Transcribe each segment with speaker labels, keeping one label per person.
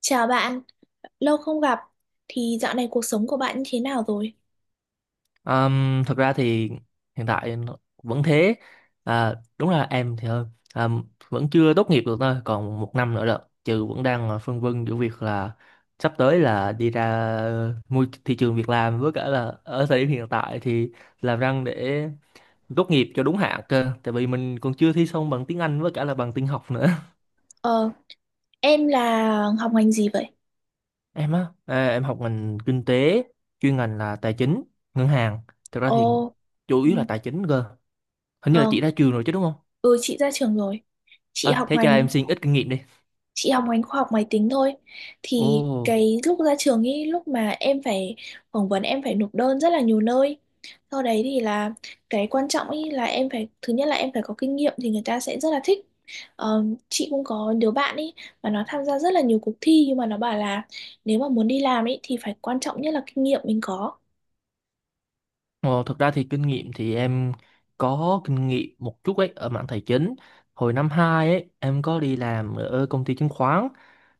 Speaker 1: Chào bạn, lâu không gặp. Thì dạo này cuộc sống của bạn như thế nào rồi?
Speaker 2: Thật ra thì hiện tại nó vẫn thế. À, đúng là em thì hơn. À, vẫn chưa tốt nghiệp được, thôi còn 1 năm nữa rồi, trừ vẫn đang, à, phân vân giữa việc là sắp tới là đi ra môi thị trường việc làm, với cả là ở thời điểm hiện tại thì làm răng để tốt nghiệp cho đúng hạn cơ, tại vì mình còn chưa thi xong bằng tiếng Anh với cả là bằng tin học nữa.
Speaker 1: Ờ, em là học ngành gì vậy?
Speaker 2: Em á, à, em học ngành kinh tế, chuyên ngành là tài chính ngân hàng. Thực ra thì
Speaker 1: Ồ.
Speaker 2: chủ
Speaker 1: Ừ.
Speaker 2: yếu là tài chính cơ. Hình như là
Speaker 1: Ờ.
Speaker 2: chị ra trường rồi chứ, đúng không?
Speaker 1: Ừ, chị ra trường rồi. Chị
Speaker 2: À,
Speaker 1: học
Speaker 2: thế cho
Speaker 1: ngành
Speaker 2: em xin ít kinh nghiệm đi.
Speaker 1: chị học ngành khoa học máy tính thôi. Thì
Speaker 2: Ồ,
Speaker 1: cái lúc ra trường ý, lúc mà em phải phỏng vấn, em phải nộp đơn rất là nhiều nơi. Sau đấy thì là cái quan trọng ý là em phải, thứ nhất là em phải có kinh nghiệm thì người ta sẽ rất là thích. Ờ, chị cũng có đứa bạn ý, mà nó tham gia rất là nhiều cuộc thi, nhưng mà nó bảo là nếu mà muốn đi làm ý thì phải, quan trọng nhất là kinh nghiệm mình có.
Speaker 2: ồ, thực ra thì kinh nghiệm thì em có kinh nghiệm một chút ấy ở mảng tài chính. Hồi năm 2 ấy, em có đi làm ở công ty chứng khoán,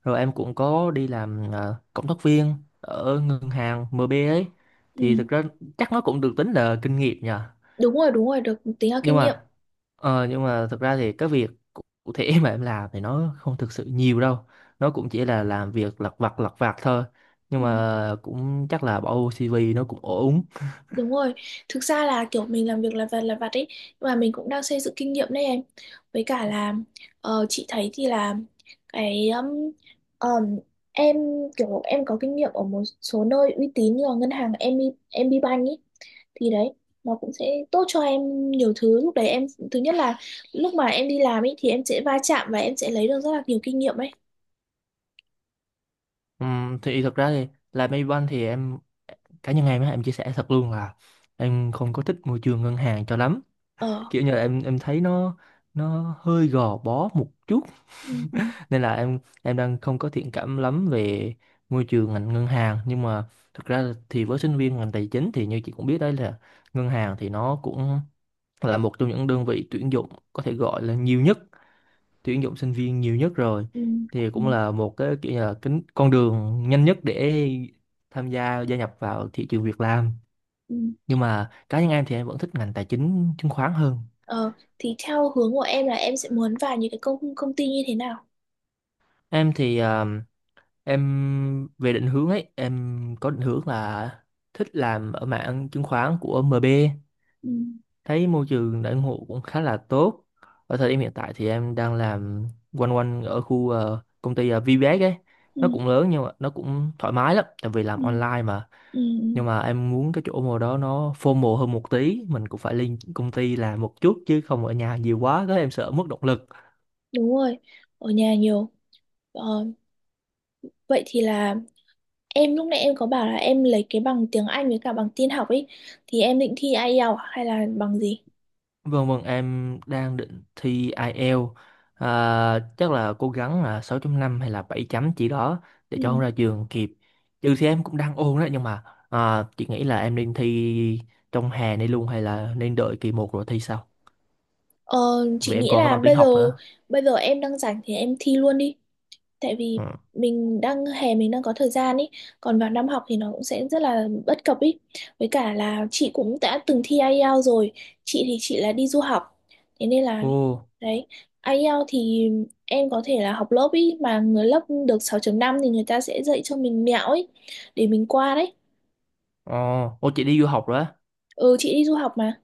Speaker 2: rồi em cũng có đi làm, à, cộng tác viên ở ngân hàng MB ấy. Thì
Speaker 1: Ừ.
Speaker 2: thực ra chắc nó cũng được tính là kinh nghiệm nhỉ.
Speaker 1: Đúng rồi, đúng rồi, được tính là
Speaker 2: Nhưng
Speaker 1: kinh nghiệm.
Speaker 2: mà, nhưng mà thực ra thì cái việc cụ cụ thể mà em làm thì nó không thực sự nhiều đâu, nó cũng chỉ là làm việc lặt vặt thôi, nhưng
Speaker 1: Ừ.
Speaker 2: mà cũng chắc là bỏ vô CV nó cũng ổn.
Speaker 1: Đúng rồi, thực ra là kiểu mình làm việc là vặt ấy, nhưng mà mình cũng đang xây dựng kinh nghiệm đấy em. Với cả là, ờ, chị thấy thì là cái um, em kiểu em có kinh nghiệm ở một số nơi uy tín như là ngân hàng em bê, em MB Bank ấy, thì đấy, nó cũng sẽ tốt cho em nhiều thứ. Lúc đấy em thứ nhất là, lúc mà em đi làm ấy thì em sẽ va chạm và em sẽ lấy được rất là nhiều kinh nghiệm ấy.
Speaker 2: Thì thực ra thì làm Maybank thì em, cá nhân em á, em chia sẻ thật luôn là em không có thích môi trường ngân hàng cho lắm.
Speaker 1: Ờ.
Speaker 2: Kiểu như là em thấy nó hơi gò bó một chút.
Speaker 1: Ừ, ừ,
Speaker 2: Nên là em đang không có thiện cảm lắm về môi trường ngành ngân hàng. Nhưng mà thực ra thì với sinh viên ngành tài chính thì như chị cũng biết đấy, là ngân hàng thì nó cũng là một trong những đơn vị tuyển dụng có thể gọi là nhiều nhất, tuyển dụng sinh viên nhiều nhất rồi,
Speaker 1: ừ,
Speaker 2: thì
Speaker 1: ừ,
Speaker 2: cũng là một cái kiểu như là cái con đường nhanh nhất để tham gia gia nhập vào thị trường việc làm.
Speaker 1: ừ.
Speaker 2: Nhưng mà cá nhân em thì em vẫn thích ngành tài chính chứng khoán hơn.
Speaker 1: Ờ, thì theo hướng của em là em sẽ muốn vào những cái công công ty như thế nào?
Speaker 2: Em thì, à, em về định hướng ấy, em có định hướng là thích làm ở mảng chứng khoán của MB.
Speaker 1: Ừ,
Speaker 2: Thấy môi trường đãi ngộ cũng khá là tốt. Ở thời điểm hiện tại thì em đang làm quanh quanh ở khu, công ty, VBS ấy. Nó
Speaker 1: ừ,
Speaker 2: cũng lớn nhưng mà nó cũng thoải mái lắm, tại vì
Speaker 1: ừ,
Speaker 2: làm online mà.
Speaker 1: ừ, ừ.
Speaker 2: Nhưng mà em muốn cái chỗ mô đó nó formal hơn một tí, mình cũng phải lên công ty làm một chút chứ không ở nhà nhiều quá, có em sợ mất động lực.
Speaker 1: Đúng rồi, ở nhà nhiều. Ờ, vậy thì là em lúc nãy em có bảo là em lấy cái bằng tiếng Anh với cả bằng tin học ấy, thì em định thi IELTS à, hay là bằng gì?
Speaker 2: Vâng vâng, em đang định thi IELTS. À, chắc là cố gắng là 6.5 hay là 7 chấm chỉ đó để cho không
Speaker 1: Ừ.
Speaker 2: ra trường kịp, trừ thì em cũng đang ôn đó. Nhưng mà, à, chị nghĩ là em nên thi trong hè này luôn hay là nên đợi kỳ một rồi thi sau,
Speaker 1: Ờ, chị
Speaker 2: vì em
Speaker 1: nghĩ
Speaker 2: còn có
Speaker 1: là
Speaker 2: bằng tiếng
Speaker 1: bây
Speaker 2: học
Speaker 1: giờ
Speaker 2: nữa.
Speaker 1: bây giờ em đang rảnh thì em thi luôn đi. Tại vì
Speaker 2: Ừ.
Speaker 1: mình đang hè, mình đang có thời gian ý, còn vào năm học thì nó cũng sẽ rất là bất cập ý. Với cả là chị cũng đã từng thi IELTS rồi, chị thì chị là đi du học, thế nên là
Speaker 2: Ồ.
Speaker 1: đấy. IELTS thì em có thể là học lớp ý, mà người lớp được 6.5 thì người ta sẽ dạy cho mình mẹo ấy để mình qua đấy.
Speaker 2: Ờ. Ồ, chị đi du học rồi á.
Speaker 1: Ừ, chị đi du học mà.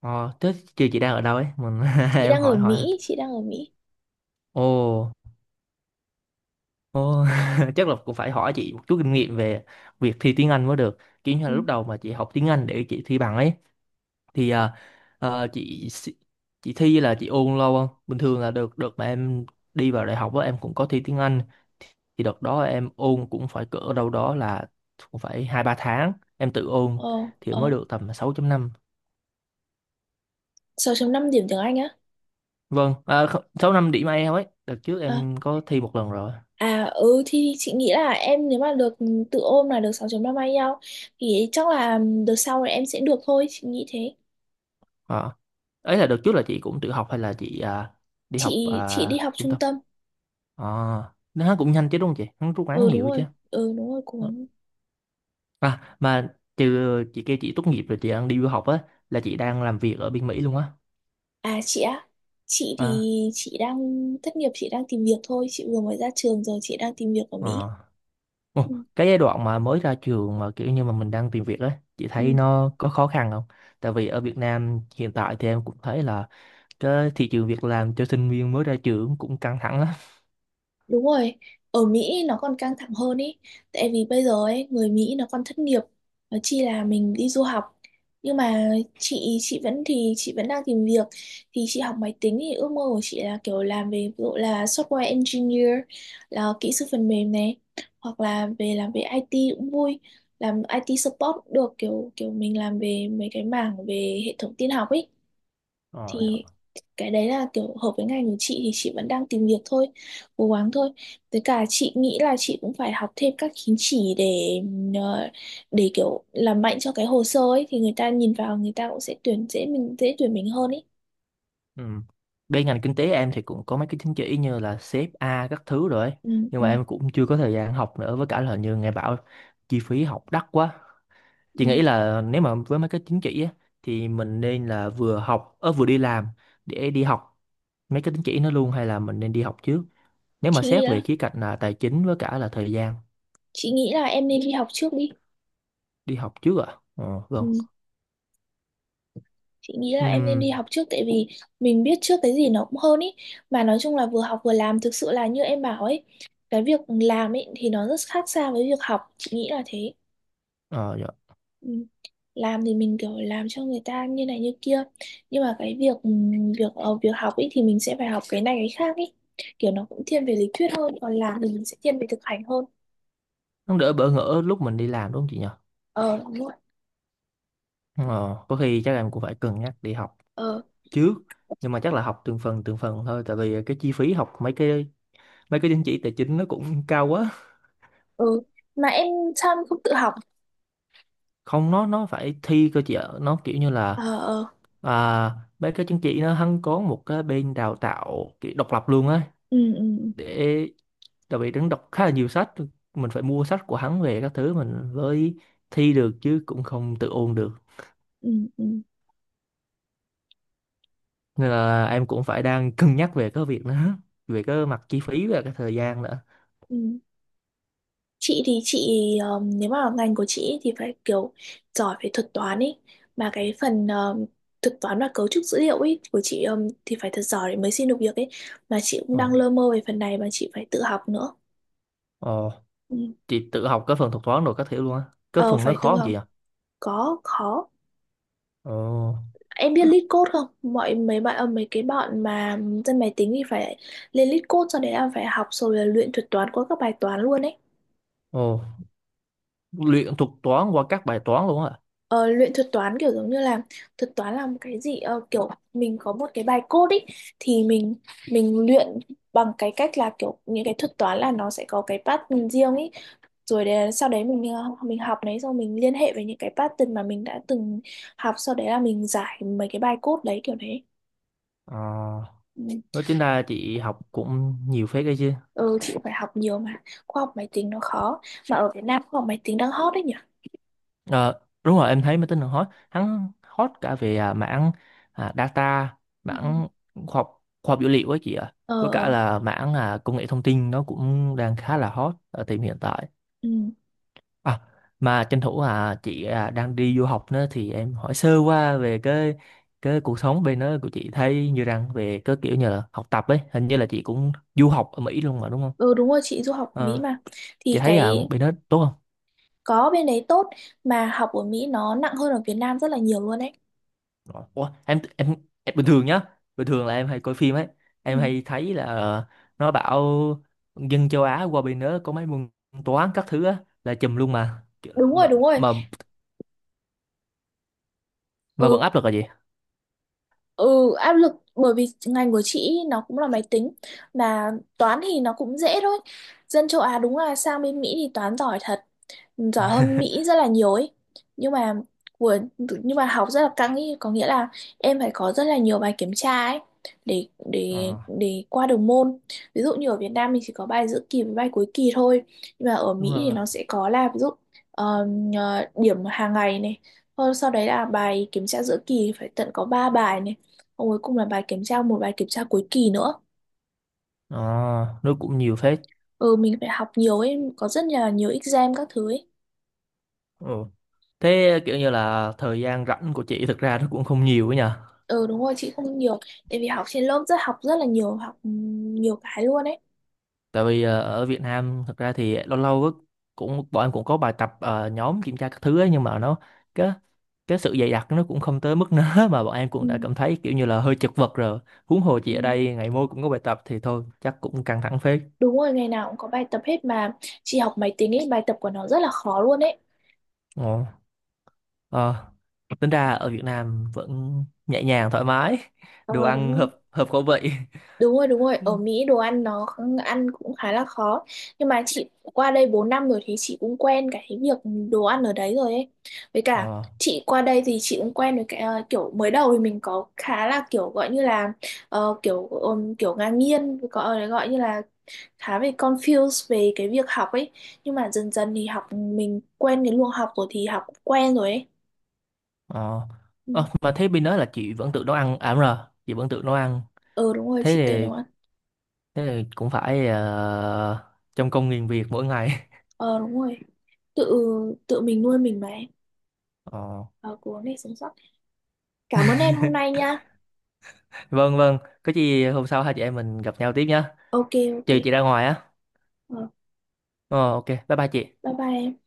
Speaker 2: Ờ, thế chị đang ở đâu ấy, mình
Speaker 1: Chị
Speaker 2: em
Speaker 1: đang ở
Speaker 2: hỏi hỏi.
Speaker 1: Mỹ, chị đang ở Mỹ.
Speaker 2: Ồ. Ồ. Chắc là cũng phải hỏi chị một chút kinh nghiệm về việc thi tiếng Anh mới được. Kiểu như là
Speaker 1: Ừ.
Speaker 2: lúc đầu mà chị học tiếng Anh để chị thi bằng ấy thì, à, à, chị thi, là chị ôn lâu không? Bình thường là được được mà em đi vào đại học á em cũng có thi tiếng Anh, thì đợt đó em ôn cũng phải cỡ đâu đó là cũng phải 2 3 tháng em tự ôn
Speaker 1: Ờ,
Speaker 2: thì mới
Speaker 1: ờ,
Speaker 2: được tầm 6 năm.
Speaker 1: 6.5 điểm tiếng Anh á.
Speaker 2: Vâng, à, 6.5 điểm IELTS ấy. Đợt trước
Speaker 1: À.
Speaker 2: em có thi một lần rồi.
Speaker 1: À, ừ, thì chị nghĩ là em nếu mà được tự ôm là được 6.3 may nhau thì chắc là đợt sau là em sẽ được thôi, chị nghĩ thế.
Speaker 2: Ờ. Ấy là đợt trước là chị cũng tự học hay là chị, à, đi học,
Speaker 1: Chị đi
Speaker 2: à,
Speaker 1: học
Speaker 2: trung
Speaker 1: trung
Speaker 2: tâm?
Speaker 1: tâm.
Speaker 2: À, nó cũng nhanh chứ đúng không chị? Hắn rút ngắn
Speaker 1: Ừ đúng
Speaker 2: nhiều chứ.
Speaker 1: rồi, ừ đúng rồi, cố gắng.
Speaker 2: À, mà trừ chị kêu chị tốt nghiệp rồi chị đang đi du học á, là chị đang làm việc ở bên Mỹ luôn á.
Speaker 1: À, chị á. Chị thì
Speaker 2: À.
Speaker 1: chị đang thất nghiệp, chị đang tìm việc thôi, chị vừa mới ra trường rồi, chị đang tìm việc ở
Speaker 2: À.
Speaker 1: Mỹ.
Speaker 2: Ồ,
Speaker 1: Ừ.
Speaker 2: cái giai đoạn mà mới ra trường mà kiểu như mà mình đang tìm việc á, chị thấy
Speaker 1: Ừ.
Speaker 2: nó có khó khăn không? Tại vì ở Việt Nam hiện tại thì em cũng thấy là cái thị trường việc làm cho sinh viên mới ra trường cũng căng thẳng lắm.
Speaker 1: Đúng rồi, ở Mỹ nó còn căng thẳng hơn ý, tại vì bây giờ ấy, người Mỹ nó còn thất nghiệp, nó chi là mình đi du học. Nhưng mà chị vẫn, thì chị vẫn đang tìm việc. Thì chị học máy tính thì ước mơ của chị là kiểu làm về ví dụ là software engineer, là kỹ sư phần mềm này, hoặc là về làm về IT cũng vui, làm IT support cũng được, kiểu kiểu mình làm về mấy cái mảng về hệ thống tin học ấy.
Speaker 2: Ờ.
Speaker 1: Thì cái đấy là kiểu hợp với ngành của chị, thì chị vẫn đang tìm việc thôi, cố gắng thôi. Với cả chị nghĩ là chị cũng phải học thêm các chứng chỉ ờ, để kiểu làm mạnh cho cái hồ sơ ấy, thì người ta nhìn vào, người ta cũng sẽ tuyển dễ, mình dễ tuyển mình hơn ấy.
Speaker 2: Ừ. Bên ngành kinh tế em thì cũng có mấy cái chứng chỉ như là xê ép a các thứ rồi ấy.
Speaker 1: Ừ,
Speaker 2: Nhưng mà
Speaker 1: ừ,
Speaker 2: em cũng chưa có thời gian học nữa, với cả là như nghe bảo chi phí học đắt quá. Chị
Speaker 1: ừ.
Speaker 2: nghĩ là nếu mà với mấy cái chứng chỉ á, thì mình nên là vừa học ở vừa đi làm để đi học mấy cái chứng chỉ nó luôn, hay là mình nên đi học trước? Nếu mà
Speaker 1: chị nghĩ
Speaker 2: xét về
Speaker 1: là
Speaker 2: khía cạnh là tài chính với cả là thời gian.
Speaker 1: chị nghĩ là em nên đi học trước đi.
Speaker 2: Đi học trước ạ? À? Ờ vâng.
Speaker 1: Ừ. Chị nghĩ là em nên
Speaker 2: Ừm.
Speaker 1: đi học trước tại vì mình biết trước cái gì nó cũng hơn ý, mà nói chung là vừa học vừa làm thực sự là như em bảo ấy, cái việc làm ấy thì nó rất khác xa với việc học, chị nghĩ là thế.
Speaker 2: Ờ dạ.
Speaker 1: Ừ. Làm thì mình kiểu làm cho người ta như này như kia, nhưng mà cái việc ừ, việc ờ, việc học ấy thì mình sẽ phải học cái này cái khác ấy, kiểu nó cũng thiên về lý thuyết hơn, còn làm thì mình sẽ thiên về thực hành hơn.
Speaker 2: Nó đỡ bỡ ngỡ lúc mình đi làm đúng không chị nhỉ?
Speaker 1: Ờ, đúng rồi.
Speaker 2: Ờ. Có khi chắc em cũng phải cân nhắc đi học
Speaker 1: Ờ.
Speaker 2: trước, nhưng mà chắc là học từng phần thôi, tại vì cái chi phí học mấy cái, mấy cái chứng chỉ tài chính nó cũng cao quá.
Speaker 1: Ừ. Mà em sao em không tự học?
Speaker 2: Không, nó phải thi cơ chị ạ, nó kiểu như
Speaker 1: Ờ,
Speaker 2: là,
Speaker 1: ờ.
Speaker 2: à, mấy cái chứng chỉ nó hắn có một cái bên đào tạo kiểu độc lập luôn á,
Speaker 1: Ừ, ừ,
Speaker 2: để, tại vì hắn đọc khá là nhiều sách, mình phải mua sách của hắn về các thứ mình mới thi được chứ cũng không tự ôn được.
Speaker 1: ừ, ừ,
Speaker 2: Nên là em cũng phải đang cân nhắc về cái việc đó, về cái mặt chi phí và cái thời gian nữa.
Speaker 1: ừ, ừ. Chị thì chị, nếu mà ngành của chị thì phải kiểu giỏi về thuật toán ấy, mà cái phần thuật toán và cấu trúc dữ liệu ấy của chị thì phải thật giỏi để mới xin được việc ấy, mà chị cũng đang
Speaker 2: Ờ.
Speaker 1: lơ mơ về phần này, mà chị phải tự học nữa.
Speaker 2: Ờ,
Speaker 1: Ừ.
Speaker 2: chị tự học cái phần thuật toán rồi các thứ luôn á, cái
Speaker 1: Ờ,
Speaker 2: phần nó
Speaker 1: phải
Speaker 2: khó
Speaker 1: tự
Speaker 2: không
Speaker 1: học.
Speaker 2: chị ạ?
Speaker 1: Có khó.
Speaker 2: Ồ.
Speaker 1: Em biết lead code không? Mọi mấy bạn, mấy cái bọn mà dân máy tính thì phải lên lead code, sau đấy là phải học, rồi là luyện thuật toán qua các bài toán luôn ấy.
Speaker 2: Ồ. Luyện thuật toán qua các bài toán luôn á.
Speaker 1: Ờ, luyện thuật toán kiểu giống như là, thuật toán là một cái gì, kiểu mình có một cái bài code ý, thì mình luyện bằng cái cách là kiểu những cái thuật toán là nó sẽ có cái pattern riêng ý, rồi để, sau đấy mình học đấy xong mình liên hệ với những cái pattern mà mình đã từng học, sau đấy là mình giải mấy cái bài code đấy kiểu đấy.
Speaker 2: À.
Speaker 1: Ừ.
Speaker 2: Nói tính ra chị học cũng nhiều phết đấy chứ.
Speaker 1: Ừ, chị phải học nhiều mà, khoa học máy tính nó khó. Mà ở Việt Nam khoa học máy tính đang hot đấy nhỉ.
Speaker 2: Ờ, đúng rồi em thấy máy tính nó hot, hắn hot cả về, à, mảng, à, data,
Speaker 1: Ừ.
Speaker 2: mảng khoa học, khoa học dữ liệu ấy chị ạ.
Speaker 1: Ờ.
Speaker 2: Với cả là mảng, à, công nghệ thông tin nó cũng đang khá là hot ở thời điểm hiện tại.
Speaker 1: Ừ.
Speaker 2: À, mà tranh thủ, à, chị, à, đang đi du học nữa thì em hỏi sơ qua về cái cuộc sống bên đó của chị thấy như rằng về cái kiểu như là học tập ấy, hình như là chị cũng du học ở Mỹ luôn mà đúng không?
Speaker 1: Ừ đúng rồi, chị du học ở Mỹ
Speaker 2: Ờ,
Speaker 1: mà.
Speaker 2: chị
Speaker 1: Thì
Speaker 2: thấy, à,
Speaker 1: cái,
Speaker 2: bên đó tốt không?
Speaker 1: có, bên đấy tốt, mà học ở Mỹ nó nặng hơn ở Việt Nam rất là nhiều luôn đấy.
Speaker 2: Ờ. Ủa, em bình thường nhá, bình thường là em hay coi phim ấy, em
Speaker 1: Ừ.
Speaker 2: hay thấy là, nó bảo dân châu Á qua bên đó có mấy môn toán các thứ á là chùm luôn mà.
Speaker 1: Đúng
Speaker 2: Mà,
Speaker 1: rồi, đúng rồi.
Speaker 2: mà, mà vẫn
Speaker 1: Ừ,
Speaker 2: áp lực là gì?
Speaker 1: ừ, áp lực bởi vì ngành của chị nó cũng là máy tính, mà toán thì nó cũng dễ thôi. Dân châu Á đúng là sang bên Mỹ thì toán giỏi thật, giỏi hơn Mỹ rất là nhiều ấy, nhưng mà của, nhưng mà học rất là căng ấy, có nghĩa là em phải có rất là nhiều bài kiểm tra ấy để để
Speaker 2: Ờ,
Speaker 1: để qua được môn. Ví dụ như ở Việt Nam mình chỉ có bài giữa kỳ với bài cuối kỳ thôi, nhưng mà ở
Speaker 2: đúng
Speaker 1: Mỹ
Speaker 2: rồi, đúng
Speaker 1: thì nó
Speaker 2: rồi.
Speaker 1: sẽ có là, ví dụ, ờ, điểm hàng ngày này. Thôi sau đấy là bài kiểm tra giữa kỳ phải tận có 3 bài này. Xong cuối cùng là bài kiểm tra, một bài kiểm tra cuối kỳ nữa.
Speaker 2: Ờ, nó cũng nhiều phết.
Speaker 1: Ừ, mình phải học nhiều ấy, có rất là nhiều exam các thứ ấy.
Speaker 2: Ừ. Thế kiểu như là thời gian rảnh của chị thực ra nó cũng không nhiều ấy nhờ.
Speaker 1: Ừ đúng rồi, chị không nhiều tại vì học trên lớp rất, học rất là nhiều, học nhiều cái luôn ấy.
Speaker 2: Tại vì, ở Việt Nam thực ra thì lâu lâu á, cũng bọn em cũng có bài tập, nhóm kiểm tra các thứ ấy, nhưng mà nó, cái cái sự dày đặc nó cũng không tới mức nớ mà bọn em
Speaker 1: Ừ.
Speaker 2: cũng đã cảm thấy kiểu như là hơi chật vật rồi. Huống hồ chị
Speaker 1: Ừ,
Speaker 2: ở đây ngày môi cũng có bài tập thì thôi chắc cũng căng thẳng phết.
Speaker 1: đúng rồi, ngày nào cũng có bài tập hết mà, chị học máy tính ấy, bài tập của nó rất là khó luôn ấy.
Speaker 2: Ồ. Ờ. Tính ra ở Việt Nam vẫn nhẹ nhàng thoải mái,
Speaker 1: Ờ,
Speaker 2: đồ
Speaker 1: đúng
Speaker 2: ăn
Speaker 1: rồi.
Speaker 2: hợp hợp khẩu vị.
Speaker 1: Đúng rồi, đúng rồi, ở Mỹ đồ ăn nó ăn cũng khá là khó, nhưng mà chị qua đây 4 năm rồi thì chị cũng quen cái việc đồ ăn ở đấy rồi ấy. Với cả
Speaker 2: Ờ.
Speaker 1: chị qua đây thì chị cũng quen với cái, kiểu mới đầu thì mình có khá là kiểu gọi như là, kiểu kiểu ngang nhiên gọi gọi như là khá bị confused về cái việc học ấy, nhưng mà dần dần thì học mình quen cái luồng học rồi thì học quen rồi ấy.
Speaker 2: Ờ.
Speaker 1: Ừ.
Speaker 2: Ờ, mà thế bên đó là chị vẫn tự nấu ăn à? Đúng rồi, chị vẫn tự nấu ăn.
Speaker 1: Ờ, đúng rồi,
Speaker 2: Thế
Speaker 1: chị tự nấu
Speaker 2: thì,
Speaker 1: ăn.
Speaker 2: thế thì cũng phải, trong công nghìn việc mỗi ngày.
Speaker 1: Ờ đúng rồi, tự tự mình nuôi mình mà em.
Speaker 2: Ờ.
Speaker 1: Ờ, cố gắng để sống sót. Cảm ơn em hôm nay nha.
Speaker 2: Vâng vâng, có gì hôm sau hai chị em mình gặp nhau tiếp nhá.
Speaker 1: Ok. Ok.
Speaker 2: Trừ chị ra ngoài á.
Speaker 1: Ờ,
Speaker 2: Ờ, ok bye bye chị.
Speaker 1: bye bye em.